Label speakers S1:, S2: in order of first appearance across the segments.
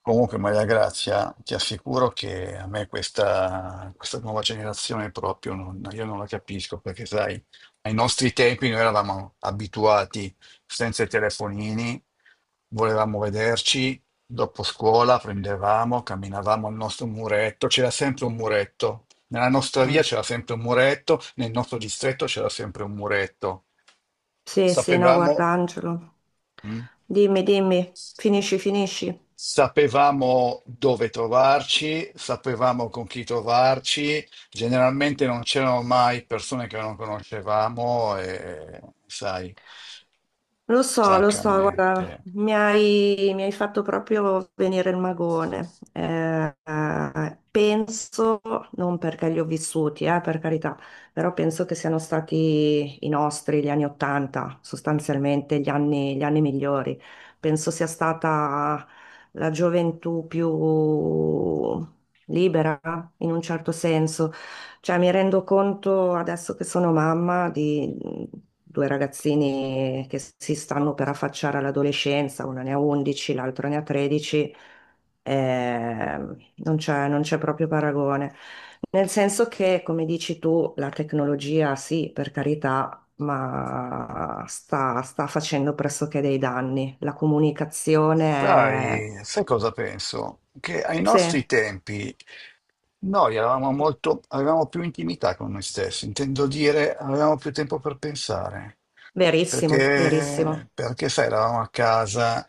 S1: Comunque, Maria Grazia, ti assicuro che a me questa nuova generazione proprio non, io non la capisco, perché sai, ai nostri tempi noi eravamo abituati senza i telefonini, volevamo vederci, dopo scuola prendevamo, camminavamo al nostro muretto, c'era sempre un muretto, nella nostra
S2: Mm.
S1: via c'era sempre un muretto, nel nostro distretto c'era sempre un muretto.
S2: Sì, sì, no, guarda
S1: Sapevamo.
S2: Angelo.
S1: Mm?
S2: Dimmi, dimmi, finisci, finisci.
S1: Sapevamo dove trovarci, sapevamo con chi trovarci, generalmente non c'erano mai persone che non conoscevamo e, sai,
S2: Lo so,
S1: francamente,
S2: guarda, mi hai fatto proprio venire il magone. Penso, non perché li ho vissuti, per carità, però penso che siano stati i nostri, gli anni Ottanta, sostanzialmente gli anni migliori. Penso sia stata la gioventù più libera, in un certo senso. Cioè, mi rendo conto adesso che sono mamma di due ragazzini che si stanno per affacciare all'adolescenza, una ne ha 11, l'altro ne ha 13. Non c'è proprio paragone. Nel senso che, come dici tu, la tecnologia sì, per carità, ma sta facendo pressoché dei danni. La comunicazione è.
S1: sai cosa penso? Che ai nostri
S2: Sì,
S1: tempi noi eravamo molto, avevamo più intimità con noi stessi, intendo dire, avevamo più tempo per pensare.
S2: verissimo, verissimo.
S1: Perché sai, eravamo a casa,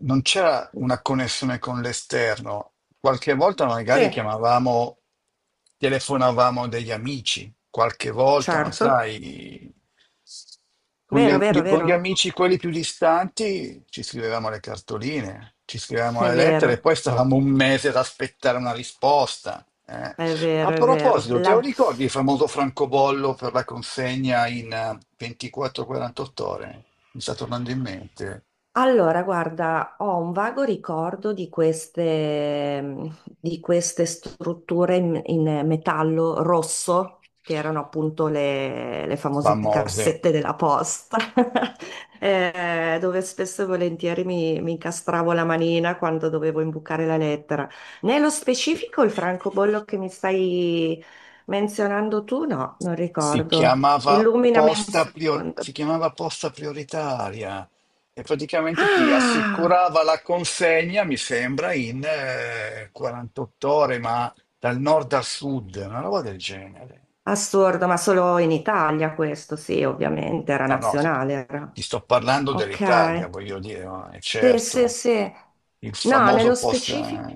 S1: non c'era una connessione con l'esterno. Qualche volta
S2: Sì,
S1: magari chiamavamo, telefonavamo degli amici, qualche volta, non
S2: certo.
S1: sai,
S2: Vero, vero,
S1: con
S2: vero,
S1: gli amici quelli più distanti ci scrivevamo le cartoline, ci scrivevamo
S2: è
S1: le lettere e
S2: vero,
S1: poi stavamo un mese ad aspettare una risposta. Eh.
S2: è
S1: A
S2: vero, è vero.
S1: proposito, te lo ricordi il famoso francobollo per la consegna in 24-48 ore? Mi sta tornando in mente.
S2: Allora, guarda, ho un vago ricordo di queste strutture in metallo rosso, che erano appunto le famose
S1: Famose.
S2: cassette della posta, dove spesso e volentieri mi incastravo la manina quando dovevo imbucare la lettera. Nello specifico il francobollo che mi stai menzionando tu, no, non
S1: Si
S2: ricordo.
S1: chiamava
S2: Illuminami un
S1: posta prior-
S2: secondo.
S1: si chiamava posta prioritaria e praticamente ti
S2: Ah!
S1: assicurava la consegna, mi sembra, in 48 ore, ma dal nord al sud, una roba del genere.
S2: Assurdo, ma solo in Italia questo, sì, ovviamente, era
S1: No, no, ti,
S2: nazionale, era.
S1: ti sto parlando dell'Italia,
S2: Ok.
S1: voglio dire, ma è
S2: Sì, sì,
S1: certo,
S2: sì.
S1: il
S2: No,
S1: famoso
S2: nello
S1: post.
S2: specifico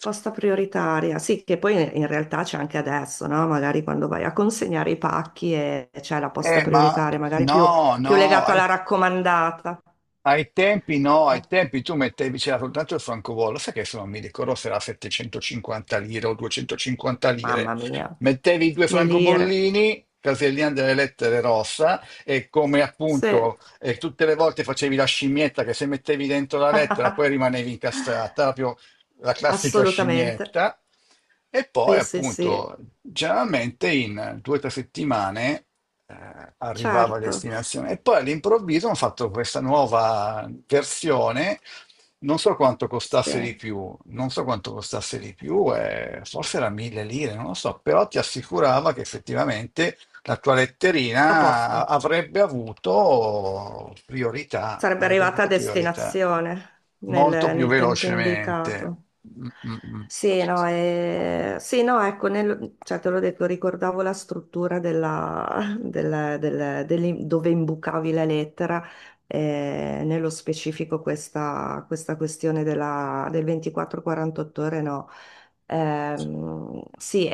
S2: posta prioritaria, sì, che poi in realtà c'è anche adesso, no? Magari quando vai a consegnare i pacchi e c'è la posta
S1: Eh, ma
S2: prioritaria, magari più,
S1: no,
S2: più
S1: no,
S2: legata
S1: ai,
S2: alla raccomandata.
S1: ai tempi no, ai
S2: Ah,
S1: tempi tu mettevi, c'era soltanto il francobollo, sai che se non mi ricordo se era 750 lire o 250 lire,
S2: mamma mia,
S1: mettevi i due
S2: le lire.
S1: francobollini, casellina delle lettere rossa, e come
S2: Sì,
S1: appunto tutte le volte facevi la scimmietta che se mettevi dentro la lettera poi rimanevi incastrata, proprio la classica
S2: assolutamente.
S1: scimmietta, e poi
S2: Sì, sì, sì,
S1: appunto generalmente in 2 o 3 settimane arrivava a
S2: certo.
S1: destinazione. E poi all'improvviso hanno fatto questa nuova versione, non so quanto
S2: Sì.
S1: costasse di più, non so quanto costasse di più, forse era mille lire, non lo so, però ti assicurava che effettivamente la tua
S2: La posta.
S1: letterina avrebbe avuto priorità,
S2: Sarebbe
S1: avrebbe
S2: arrivata a
S1: avuto priorità.
S2: destinazione
S1: Molto
S2: nel,
S1: più
S2: nel tempo
S1: velocemente.
S2: indicato.
S1: Mm, mm, mm.
S2: Sì, no, sì, no, ecco, cioè, te l'ho detto, ricordavo la struttura della, del- del- dell'im- dove imbucavi la lettera. Nello specifico questa, questione del 24-48 ore, no. Sì.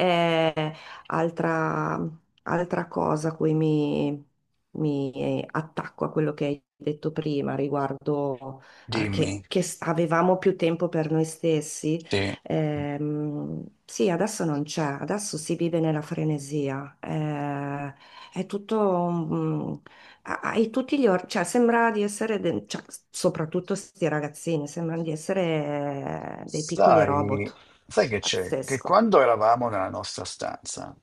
S2: Altra, altra cosa a cui mi attacco a quello che hai detto prima riguardo a
S1: Dimmi,
S2: avevamo più tempo per noi stessi,
S1: sì.
S2: sì, adesso non c'è, adesso si vive nella frenesia, è tutto, hai cioè sembra di essere, cioè, soprattutto questi ragazzini, sembrano di essere dei piccoli
S1: Sai,
S2: robot,
S1: sai che c'è? Che
S2: pazzesco.
S1: quando eravamo nella nostra stanza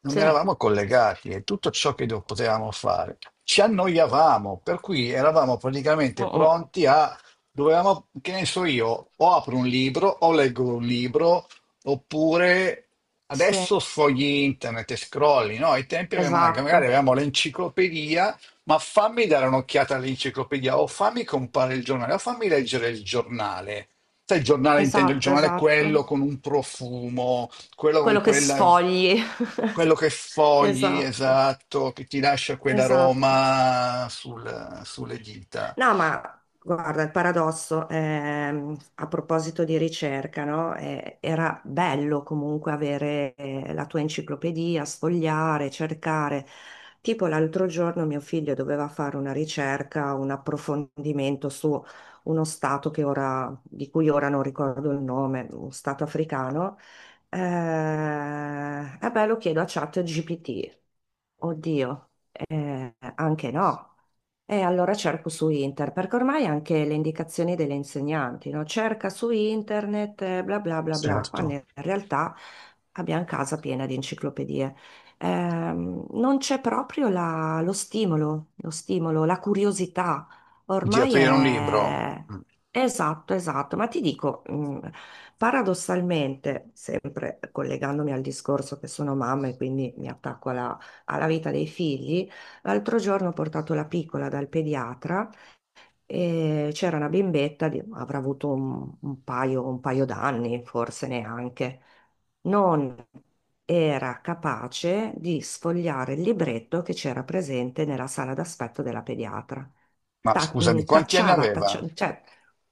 S1: non
S2: Sì. Oh,
S1: eravamo collegati e tutto ciò che potevamo fare ci annoiavamo, per cui eravamo praticamente
S2: oh.
S1: pronti a, dovevamo, che ne so io, o apro un libro o leggo un libro, oppure
S2: Sì.
S1: adesso sfogli internet e scrolli, no? Ai tempi avevamo-
S2: Esatto,
S1: magari avevamo l'enciclopedia ma fammi dare un'occhiata all'enciclopedia, o fammi compare il giornale, o fammi leggere il giornale. Sai, il giornale intendo il
S2: esatto,
S1: giornale quello
S2: esatto.
S1: con un profumo, quello
S2: Quello
S1: con
S2: che
S1: quella,
S2: sfogli.
S1: quello che fogli,
S2: Esatto,
S1: esatto, che ti lascia
S2: esatto.
S1: quell'aroma sulle dita.
S2: No, ma guarda, il paradosso, a proposito di ricerca, no? Era bello comunque avere la tua enciclopedia, sfogliare, cercare. Tipo l'altro giorno mio figlio doveva fare una ricerca, un approfondimento su uno stato che di cui ora non ricordo il nome, un stato africano. Eh, eh beh, lo chiedo a ChatGPT. Oddio, anche no. E allora cerco su internet, perché ormai anche le indicazioni delle insegnanti, no? Cerca su internet, bla bla bla bla, quando
S1: Certo.
S2: in realtà abbiamo casa piena di enciclopedie. Non c'è proprio lo stimolo, la curiosità.
S1: Di
S2: Ormai
S1: aprire un libro.
S2: è.
S1: Mm.
S2: Esatto, esatto, ma ti dico, paradossalmente, sempre collegandomi al discorso che sono mamma e quindi mi attacco alla vita dei figli. L'altro giorno ho portato la piccola dal pediatra e c'era una bimbetta, avrà avuto un paio d'anni, forse neanche. Non era capace di sfogliare il libretto che c'era presente nella sala d'aspetto della pediatra.
S1: Ma
S2: Ta-
S1: scusami,
S2: mh,
S1: quanti anni
S2: tacciava,
S1: aveva?
S2: cioè,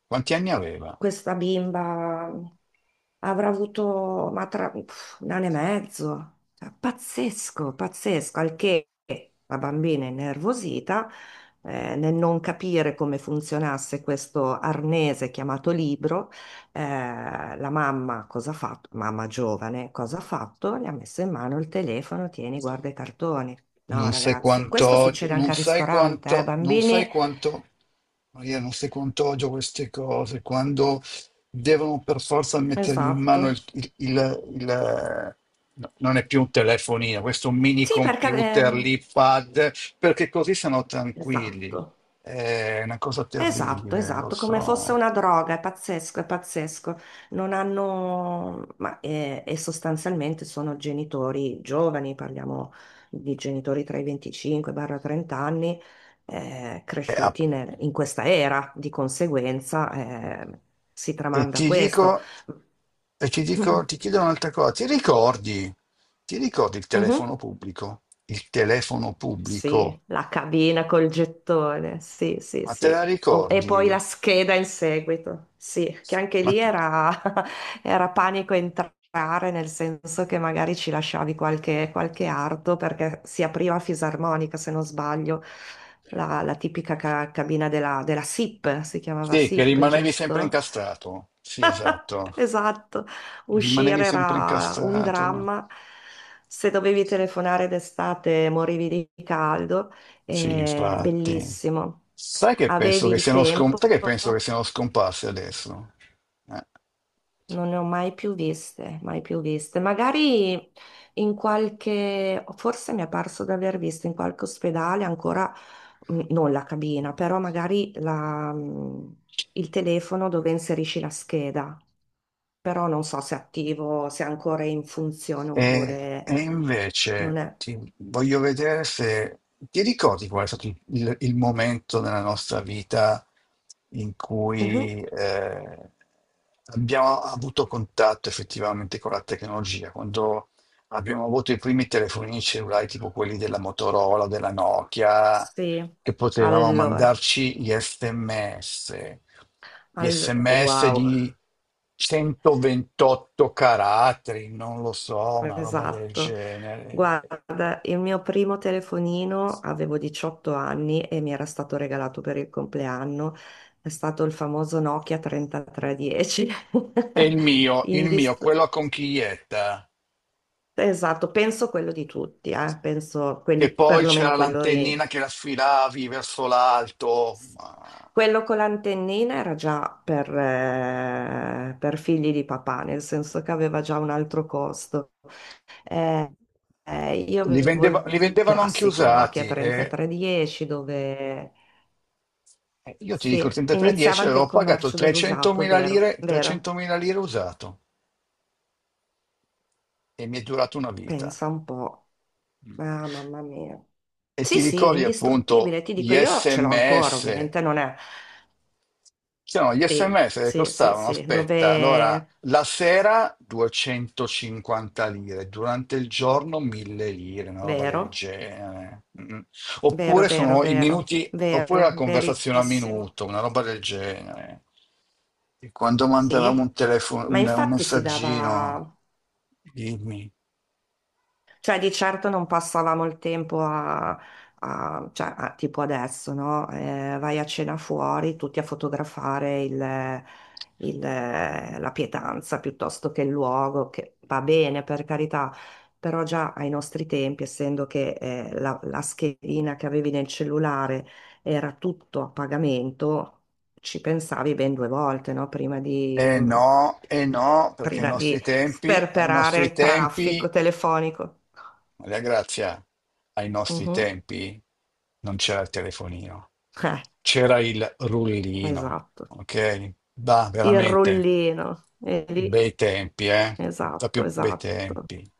S1: Quanti anni aveva?
S2: questa bimba avrà avuto un anno e mezzo. Cioè, pazzesco, pazzesco, al che la bambina innervosita, nel non capire come funzionasse questo arnese chiamato libro, la mamma cosa ha fatto? Mamma giovane, cosa ha fatto? Le ha messo in mano il telefono, tieni, guarda i cartoni. No,
S1: Non sai
S2: ragazzi,
S1: quanto
S2: questo
S1: odio,
S2: succede anche
S1: non
S2: al
S1: sai
S2: ristorante,
S1: quanto, non sai
S2: bambini.
S1: quanto, Maria, non sai quanto odio queste cose, quando devono per forza mettergli in mano
S2: Esatto.
S1: no, non è più un telefonino, questo mini
S2: Sì, perché...
S1: computer,
S2: ehm,
S1: l'iPad, perché così sono tranquilli.
S2: esatto.
S1: È una cosa
S2: Esatto,
S1: terribile, lo
S2: esatto, come fosse
S1: so.
S2: una droga, è pazzesco, è pazzesco. Non hanno, ma, e sostanzialmente sono genitori giovani, parliamo di genitori tra i 25-30 anni,
S1: È app.
S2: cresciuti in questa era, di conseguenza, si
S1: E
S2: tramanda
S1: ti
S2: questo.
S1: dico, e ti dico, ti chiedo un'altra cosa, ti ricordi il
S2: Mhm.
S1: telefono pubblico? Il telefono
S2: Sì,
S1: pubblico,
S2: la cabina col gettone, sì, sì,
S1: ma te la
S2: sì. E
S1: ricordi?
S2: poi la scheda in seguito, sì, che anche
S1: Ma
S2: lì
S1: t-
S2: era, era panico entrare, nel senso che magari ci lasciavi qualche arto perché si apriva a fisarmonica, se non sbaglio, la tipica cabina della SIP, si chiamava
S1: sì, che
S2: SIP,
S1: rimanevi sempre
S2: giusto?
S1: incastrato. Sì, esatto.
S2: Esatto,
S1: Rimanevi
S2: uscire
S1: sempre
S2: era un
S1: incastrato.
S2: dramma. Se dovevi telefonare d'estate morivi di caldo.
S1: Sì, infatti.
S2: Bellissimo.
S1: Sai che penso
S2: Avevi
S1: che
S2: il
S1: siano, scom-
S2: tempo,
S1: sai che penso che siano scomparse adesso? Eh.
S2: non ne ho mai più viste, mai più viste. Magari forse mi è parso di aver visto in qualche ospedale ancora, non la cabina, però magari il telefono dove inserisci la scheda. Però non so se è attivo, se è ancora in funzione
S1: E,
S2: oppure
S1: e
S2: non
S1: invece
S2: è.
S1: ti voglio vedere se ti ricordi qual è stato il momento nella nostra vita in
S2: Mhm.
S1: cui abbiamo avuto contatto effettivamente con la tecnologia, quando abbiamo avuto i primi telefonini cellulari tipo quelli della Motorola, della Nokia,
S2: Sì,
S1: che potevamo
S2: allora,
S1: mandarci gli sms
S2: wow,
S1: di 128 caratteri, non lo so, una roba del
S2: esatto.
S1: genere.
S2: Guarda, il mio primo telefonino avevo 18 anni e mi era stato regalato per il compleanno. È stato il famoso Nokia 3310.
S1: E il mio, il mio,
S2: Indist-
S1: quello a conchiglietta,
S2: Esatto, penso quello di tutti, penso
S1: che
S2: quelli,
S1: poi c'era
S2: perlomeno quello.
S1: l'antennina che la sfilavi verso l'alto. ma-
S2: Quello con l'antennina era già per figli di papà, nel senso che aveva già un altro costo. Eh, io
S1: Li,
S2: avevo
S1: vendeva-
S2: il
S1: li vendevano anche
S2: classico Nokia
S1: usati. E
S2: 3310 dove
S1: e io ti dico, il
S2: sì, iniziava
S1: 3310
S2: anche il
S1: avevo pagato
S2: commercio dell'usato,
S1: 300.000
S2: vero?
S1: lire,
S2: Vero?
S1: 300.000 lire usato. E mi è durato una vita.
S2: Pensa un po'.
S1: Mm.
S2: Ah, mamma mia.
S1: E ti
S2: Sì, sì,
S1: ricordi
S2: indistruttibile,
S1: appunto
S2: ti
S1: gli
S2: dico, io ce l'ho ancora,
S1: SMS?
S2: ovviamente non è.
S1: C'erano gli
S2: Sì,
S1: SMS che
S2: sì, sì,
S1: costavano,
S2: sì,
S1: aspetta, allora
S2: dove.
S1: la sera 250 lire, durante il giorno 1000 lire, una roba del
S2: Vero?
S1: genere. Mm.
S2: Vero,
S1: Oppure
S2: vero,
S1: sono i
S2: vero,
S1: minuti, oppure la
S2: vero,
S1: conversazione a
S2: verissimo.
S1: minuto, una roba del genere. E quando mandavamo
S2: Sì,
S1: un telefono,
S2: ma
S1: un
S2: infatti si
S1: messaggino,
S2: dava,
S1: dimmi.
S2: cioè, di certo non passavamo il tempo a, a- cioè, a- tipo adesso, no? Vai a cena fuori, tutti a fotografare la pietanza piuttosto che il luogo, che va bene per carità, però già ai nostri tempi, essendo che la schedina che avevi nel cellulare era tutto a pagamento, ci pensavi ben due volte, no? Prima di...
S1: No, eh no, perché
S2: prima di
S1: ai
S2: sperperare
S1: nostri
S2: il traffico
S1: tempi,
S2: telefonico.
S1: Maria Grazia, ai nostri
S2: Mhm.
S1: tempi non c'era il telefonino,
S2: Eh,
S1: c'era il rullino,
S2: esatto.
S1: ok? Bah,
S2: Il
S1: veramente,
S2: rullino. E lì,
S1: bei tempi, eh?
S2: esatto,
S1: Proprio bei
S2: esatto.
S1: tempi.